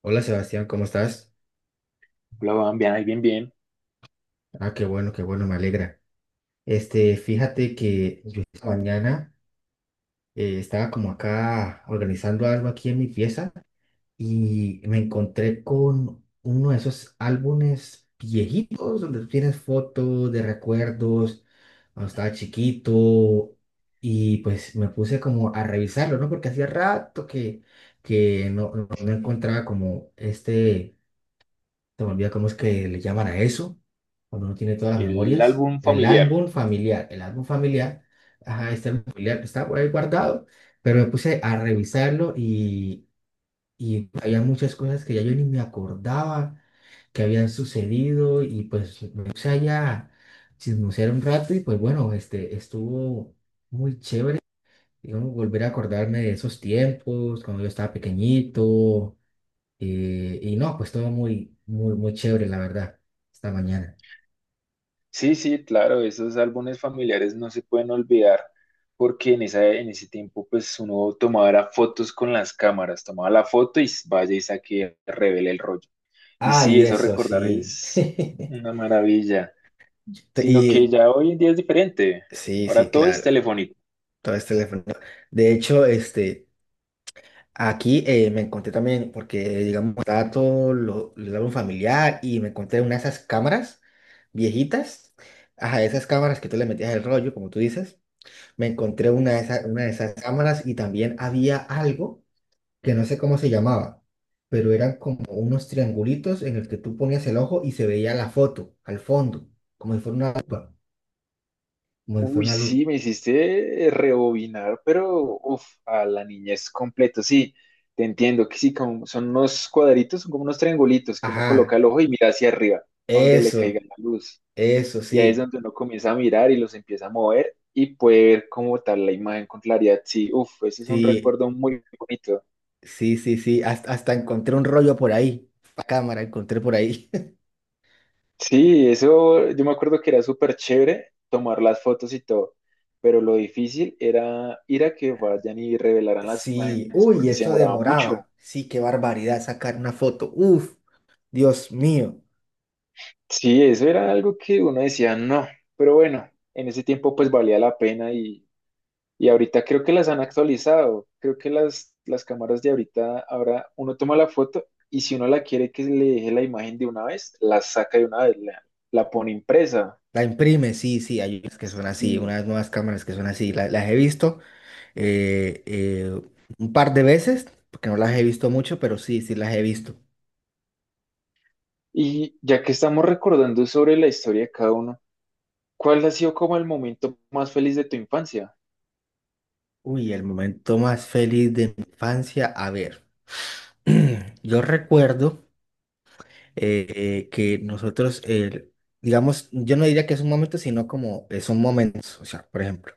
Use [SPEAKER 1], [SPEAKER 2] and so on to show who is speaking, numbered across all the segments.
[SPEAKER 1] Hola Sebastián, ¿cómo estás?
[SPEAKER 2] Hola, Juan, bien, ahí, bien, bien.
[SPEAKER 1] Ah, qué bueno, me alegra. Fíjate que yo esta mañana estaba como acá organizando algo aquí en mi pieza y me encontré con uno de esos álbumes viejitos donde tienes fotos de recuerdos cuando estaba chiquito. Y pues me puse como a revisarlo, ¿no? Porque hacía rato que no encontraba como se me olvida cómo es que le llaman a eso, cuando uno tiene todas las
[SPEAKER 2] El
[SPEAKER 1] memorias.
[SPEAKER 2] álbum familiar.
[SPEAKER 1] El álbum familiar, ajá, este álbum familiar está por ahí guardado, pero me puse a revisarlo y había muchas cosas que ya yo ni me acordaba que habían sucedido y pues me puse allá a chismosear un rato y pues bueno, estuvo muy chévere, digamos, volver a acordarme de esos tiempos, cuando yo estaba pequeñito y no, pues todo muy, muy, muy chévere, la verdad, esta mañana.
[SPEAKER 2] Sí, sí, claro, esos álbumes familiares no se pueden olvidar porque en, esa, en ese tiempo pues uno tomaba era fotos con las cámaras, tomaba la foto y vaya y saque, revele el rollo. Y sí,
[SPEAKER 1] Ay,
[SPEAKER 2] eso
[SPEAKER 1] eso
[SPEAKER 2] recordar
[SPEAKER 1] sí.
[SPEAKER 2] es una maravilla, sino que
[SPEAKER 1] Y
[SPEAKER 2] ya hoy en día es diferente.
[SPEAKER 1] sí, sí,
[SPEAKER 2] Ahora todo es
[SPEAKER 1] claro.
[SPEAKER 2] telefónico.
[SPEAKER 1] Todo es teléfono. De hecho, aquí me encontré también, porque digamos, estaba el álbum familiar y me encontré una de esas cámaras viejitas. Ajá, esas cámaras que tú le metías el rollo, como tú dices. Me encontré una de esas cámaras y también había algo que no sé cómo se llamaba, pero eran como unos triangulitos en el que tú ponías el ojo y se veía la foto al fondo, como si fuera una lupa, como si fuera
[SPEAKER 2] Uy,
[SPEAKER 1] una lupa.
[SPEAKER 2] sí, me hiciste rebobinar, pero uf, a la niñez completo, sí, te entiendo, que sí, como son unos cuadritos, son como unos triangulitos que uno coloca
[SPEAKER 1] Ajá,
[SPEAKER 2] el ojo y mira hacia arriba, a donde le
[SPEAKER 1] eso,
[SPEAKER 2] caiga la luz,
[SPEAKER 1] eso
[SPEAKER 2] y ahí es
[SPEAKER 1] sí,
[SPEAKER 2] donde uno comienza a mirar y los empieza a mover y puede ver como tal la imagen con claridad, sí, uf, ese es un
[SPEAKER 1] sí,
[SPEAKER 2] recuerdo muy bonito.
[SPEAKER 1] sí, sí, sí, hasta encontré un rollo por ahí, la cámara encontré por ahí.
[SPEAKER 2] Sí, eso yo me acuerdo que era súper chévere tomar las fotos y todo, pero lo difícil era ir a que vayan y revelaran las
[SPEAKER 1] Sí,
[SPEAKER 2] imágenes
[SPEAKER 1] uy,
[SPEAKER 2] porque se
[SPEAKER 1] eso
[SPEAKER 2] demoraba mucho.
[SPEAKER 1] demoraba, sí, qué barbaridad sacar una foto, uf, Dios mío.
[SPEAKER 2] Sí, eso era algo que uno decía, no, pero bueno, en ese tiempo pues valía la pena y ahorita creo que las han actualizado, creo que las cámaras de ahorita, ahora uno toma la foto y si uno la quiere que le deje la imagen de una vez, la saca de una vez, la pone impresa.
[SPEAKER 1] La imprime, sí, sí, hay unas que son así,
[SPEAKER 2] Y,
[SPEAKER 1] unas nuevas cámaras que son así, las he visto eh, eh, un par de veces, porque no las he visto mucho, pero sí, sí las he visto.
[SPEAKER 2] y ya que estamos recordando sobre la historia de cada uno, ¿cuál ha sido como el momento más feliz de tu infancia?
[SPEAKER 1] Uy, el momento más feliz de mi infancia, a ver, yo recuerdo eh, que nosotros, eh, digamos, yo no diría que es un momento, sino como son momentos, o sea, por ejemplo,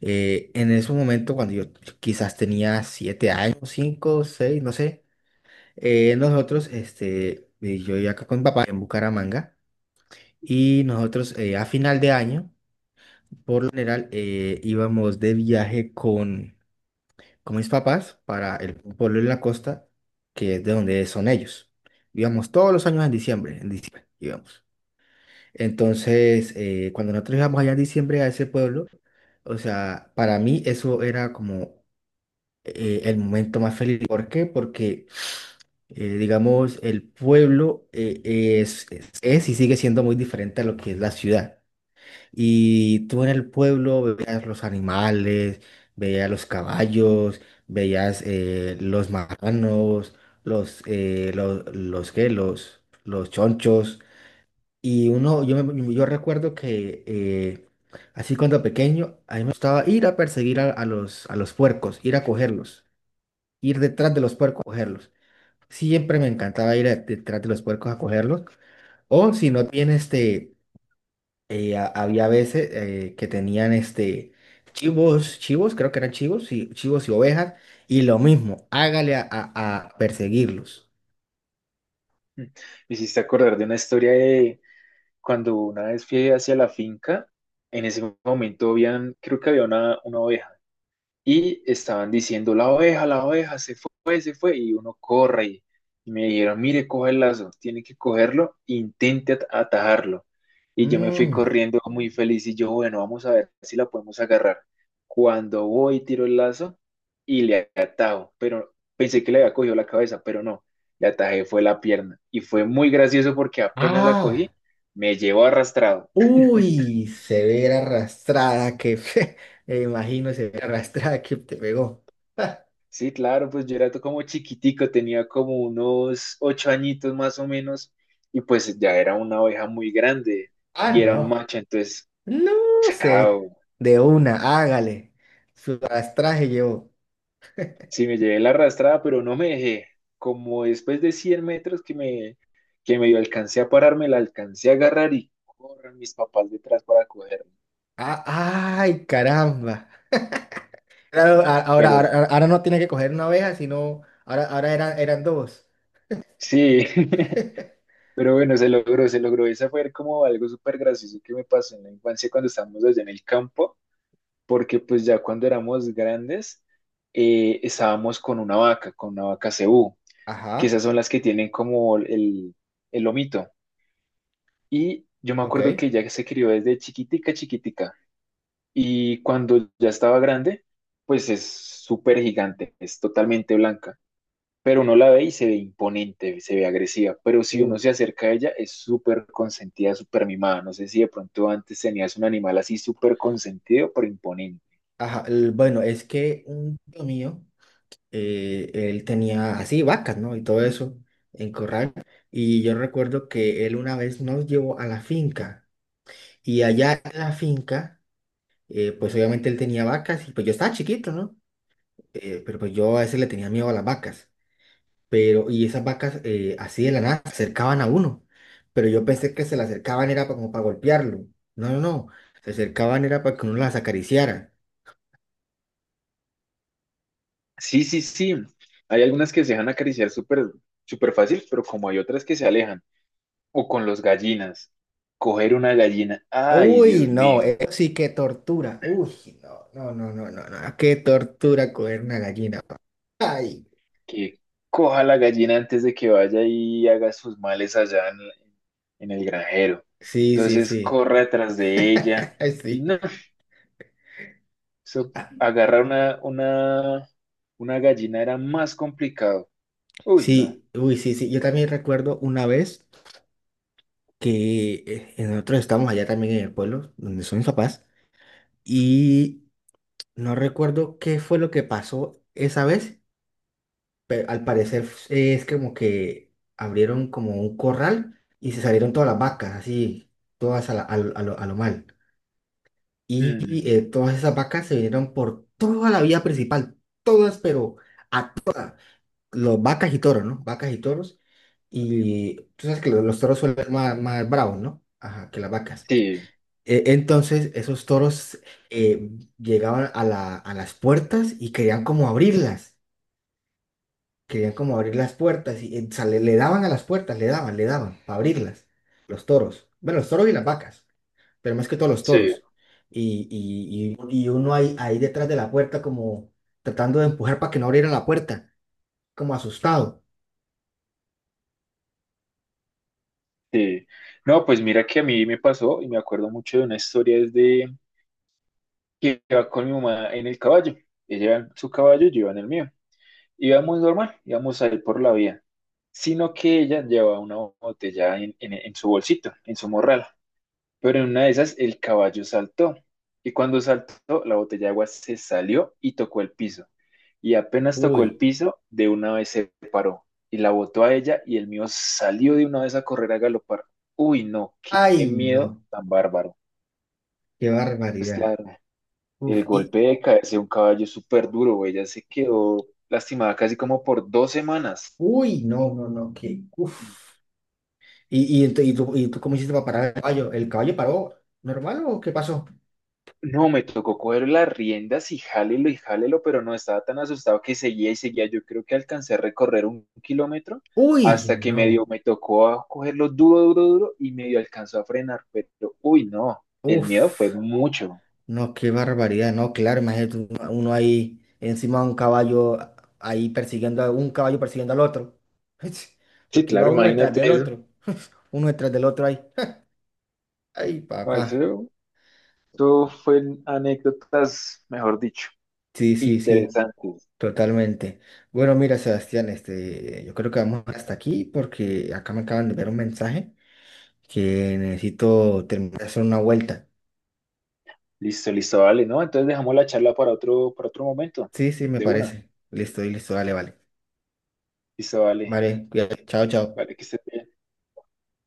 [SPEAKER 1] en ese momento cuando yo quizás tenía 7 años, cinco, seis, no sé, yo iba acá con mi papá en Bucaramanga y nosotros, a final de año, general, íbamos de viaje con mis papás para el pueblo en la costa, que es de donde son ellos. Íbamos todos los años en diciembre íbamos. Entonces, cuando nosotros íbamos allá en diciembre a ese pueblo, o sea, para mí eso era como el momento más feliz. ¿Por qué? Porque, digamos, el pueblo, es y sigue siendo muy diferente a lo que es la ciudad. Y tú en el pueblo veías los animales, veías los caballos, veías los marranos, ¿qué? Los chonchos. Y yo recuerdo que así cuando pequeño, a mí me gustaba ir a perseguir a los puercos, ir a cogerlos, ir detrás de los puercos a cogerlos. Siempre me encantaba ir detrás de los puercos a cogerlos. O si no tienes había veces que tenían chivos, chivos, creo que eran chivos, y chivos y ovejas, y lo mismo, hágale a perseguirlos.
[SPEAKER 2] Me hiciste acordar de una historia cuando una vez fui hacia la finca, en ese momento habían, creo que había una oveja. Y estaban diciendo, la oveja, se fue, se fue. Y uno corre y me dijeron, mire, coge el lazo, tiene que cogerlo, intente atajarlo. Y yo me fui
[SPEAKER 1] Mm,
[SPEAKER 2] corriendo muy feliz y yo, bueno, vamos a ver si la podemos agarrar. Cuando voy, tiro el lazo y le atajo, pero pensé que le había cogido la cabeza, pero no, le atajé fue la pierna. Y fue muy gracioso porque apenas la
[SPEAKER 1] ah,
[SPEAKER 2] cogí, me llevó arrastrado.
[SPEAKER 1] uy, se ve la arrastrada que me imagino se ve la arrastrada que te pegó.
[SPEAKER 2] Sí, claro, pues yo era como chiquitico, tenía como unos 8 añitos más o menos, y pues ya era una oveja muy grande
[SPEAKER 1] Ah,
[SPEAKER 2] y era un
[SPEAKER 1] no,
[SPEAKER 2] macho, entonces,
[SPEAKER 1] no sé,
[SPEAKER 2] chao,
[SPEAKER 1] de una, hágale. Su arrastraje llevó.
[SPEAKER 2] sí me llevé la arrastrada, pero no me dejé. Como después de 100 metros que medio alcancé a pararme, la alcancé a agarrar y corren mis papás detrás para cogerla.
[SPEAKER 1] Ah, ay, caramba. Claro, ahora,
[SPEAKER 2] Pero
[SPEAKER 1] ahora, ahora no tiene que coger una abeja, sino ahora, ahora eran dos.
[SPEAKER 2] sí, pero bueno, se logró, se logró. Esa fue como algo súper gracioso que me pasó en la infancia cuando estábamos allá en el campo porque pues ya cuando éramos grandes estábamos con una vaca cebú, que
[SPEAKER 1] Ajá,
[SPEAKER 2] esas son las que tienen como el lomito. Y yo me
[SPEAKER 1] ok.
[SPEAKER 2] acuerdo que ella se crió desde chiquitica, chiquitica. Y cuando ya estaba grande, pues es súper gigante, es totalmente blanca. Pero uno la ve y se ve imponente, se ve agresiva. Pero si
[SPEAKER 1] Uh,
[SPEAKER 2] uno se acerca a ella, es súper consentida, súper mimada. No sé si de pronto antes tenías un animal así súper consentido, pero imponente.
[SPEAKER 1] ajá, bueno, es que un tío mío, él tenía así vacas, ¿no? Y todo eso en corral. Y yo recuerdo que él una vez nos llevó a la finca. Y allá en la finca, pues obviamente él tenía vacas y pues yo estaba chiquito, ¿no? Pero pues yo a veces le tenía miedo a las vacas. Pero y esas vacas, así de la nada se acercaban a uno, pero yo pensé que se le acercaban era como para golpearlo, no, no, no, se acercaban era para que uno las acariciara.
[SPEAKER 2] Sí, sí, sí. Hay algunas que se dejan acariciar súper, súper fácil, pero como hay otras que se alejan. O con los gallinas. Coger una gallina. Ay,
[SPEAKER 1] Uy,
[SPEAKER 2] Dios
[SPEAKER 1] no,
[SPEAKER 2] mío.
[SPEAKER 1] eso sí que tortura, uy, no, no, no, no, no, no, qué tortura coger una gallina. Ay,
[SPEAKER 2] Que coja la gallina antes de que vaya y haga sus males allá en el granjero.
[SPEAKER 1] sí, sí,
[SPEAKER 2] Entonces
[SPEAKER 1] sí.
[SPEAKER 2] corre atrás de ella.
[SPEAKER 1] Ay,
[SPEAKER 2] Y
[SPEAKER 1] sí,
[SPEAKER 2] no, eso, agarrar una gallina era más complicado. Uy, no.
[SPEAKER 1] sí, uy, sí, sí. Yo también recuerdo una vez que nosotros estábamos allá también en el pueblo donde son mis papás, y no recuerdo qué fue lo que pasó esa vez, pero al parecer es como que abrieron como un corral y se salieron todas las vacas, así, todas a, la- a lo, a lo- a lo mal. Y
[SPEAKER 2] Mm,
[SPEAKER 1] todas esas vacas se vinieron por toda la vía principal, todas, pero a todas, los vacas y toros, ¿no? Vacas y toros. Y tú sabes que los toros suelen ser más bravos, ¿no? Ajá, que las vacas.
[SPEAKER 2] sí,
[SPEAKER 1] Entonces esos toros, eh, llegaban a las puertas y querían como abrirlas, querían como abrir las puertas y, o sea, le daban a las puertas, le daban para abrirlas, los toros, bueno, los toros y las vacas, pero más que todo los
[SPEAKER 2] sí.
[SPEAKER 1] toros. Y uno ahí, detrás de la puerta como tratando de empujar para que no abrieran la puerta, como asustado.
[SPEAKER 2] Sí. No, pues mira que a mí me pasó y me acuerdo mucho de una historia desde que iba con mi mamá en el caballo. Ella iba en su caballo, yo iba en el mío. Íbamos normal, íbamos a ir por la vía, sino que ella llevaba una botella en, en su bolsito, en su morral. Pero en una de esas el caballo saltó y cuando saltó la botella de agua se salió y tocó el piso. Y apenas tocó el
[SPEAKER 1] Uy,
[SPEAKER 2] piso, de una vez se paró y la botó a ella y el mío salió de una vez a correr a galopar. Uy, no, qué,
[SPEAKER 1] ay
[SPEAKER 2] qué
[SPEAKER 1] no,
[SPEAKER 2] miedo tan bárbaro.
[SPEAKER 1] qué
[SPEAKER 2] Pues
[SPEAKER 1] barbaridad.
[SPEAKER 2] claro el
[SPEAKER 1] Uf, y
[SPEAKER 2] golpe de caerse de un caballo es súper duro, ella se quedó lastimada casi como por 2 semanas.
[SPEAKER 1] uy, no, no, no, qué, uf. ¿Y tú cómo hiciste para parar el caballo? ¿El caballo paró normal o qué pasó?
[SPEAKER 2] No, me tocó coger las riendas y jálelo, pero no estaba tan asustado que seguía y seguía. Yo creo que alcancé a recorrer 1 kilómetro
[SPEAKER 1] Uy,
[SPEAKER 2] hasta que medio
[SPEAKER 1] no.
[SPEAKER 2] me tocó a cogerlo duro, duro, duro y medio alcanzó a frenar. Pero, uy, no, el miedo fue
[SPEAKER 1] Uf,
[SPEAKER 2] mucho.
[SPEAKER 1] no, qué barbaridad. No, claro, imagínate uno ahí encima de un caballo, ahí persiguiendo a un caballo persiguiendo al otro.
[SPEAKER 2] Sí,
[SPEAKER 1] Porque iba
[SPEAKER 2] claro,
[SPEAKER 1] uno detrás
[SPEAKER 2] imagínate
[SPEAKER 1] del
[SPEAKER 2] eso.
[SPEAKER 1] otro. Uno detrás del otro ahí. Ay,
[SPEAKER 2] No,
[SPEAKER 1] papá.
[SPEAKER 2] eso fue anécdotas, mejor dicho,
[SPEAKER 1] Sí, sí, sí,
[SPEAKER 2] interesantes.
[SPEAKER 1] totalmente. Bueno, mira, Sebastián, yo creo que vamos hasta aquí porque acá me acaban de ver un mensaje que necesito terminar de hacer una vuelta.
[SPEAKER 2] Listo, listo, vale, ¿no? Entonces dejamos la charla para otro momento,
[SPEAKER 1] Sí, sí, me
[SPEAKER 2] de una.
[SPEAKER 1] parece. Listo, listo, dale, vale.
[SPEAKER 2] Listo, vale,
[SPEAKER 1] Vale, cuídate. Chao, chao.
[SPEAKER 2] vale, que estés bien.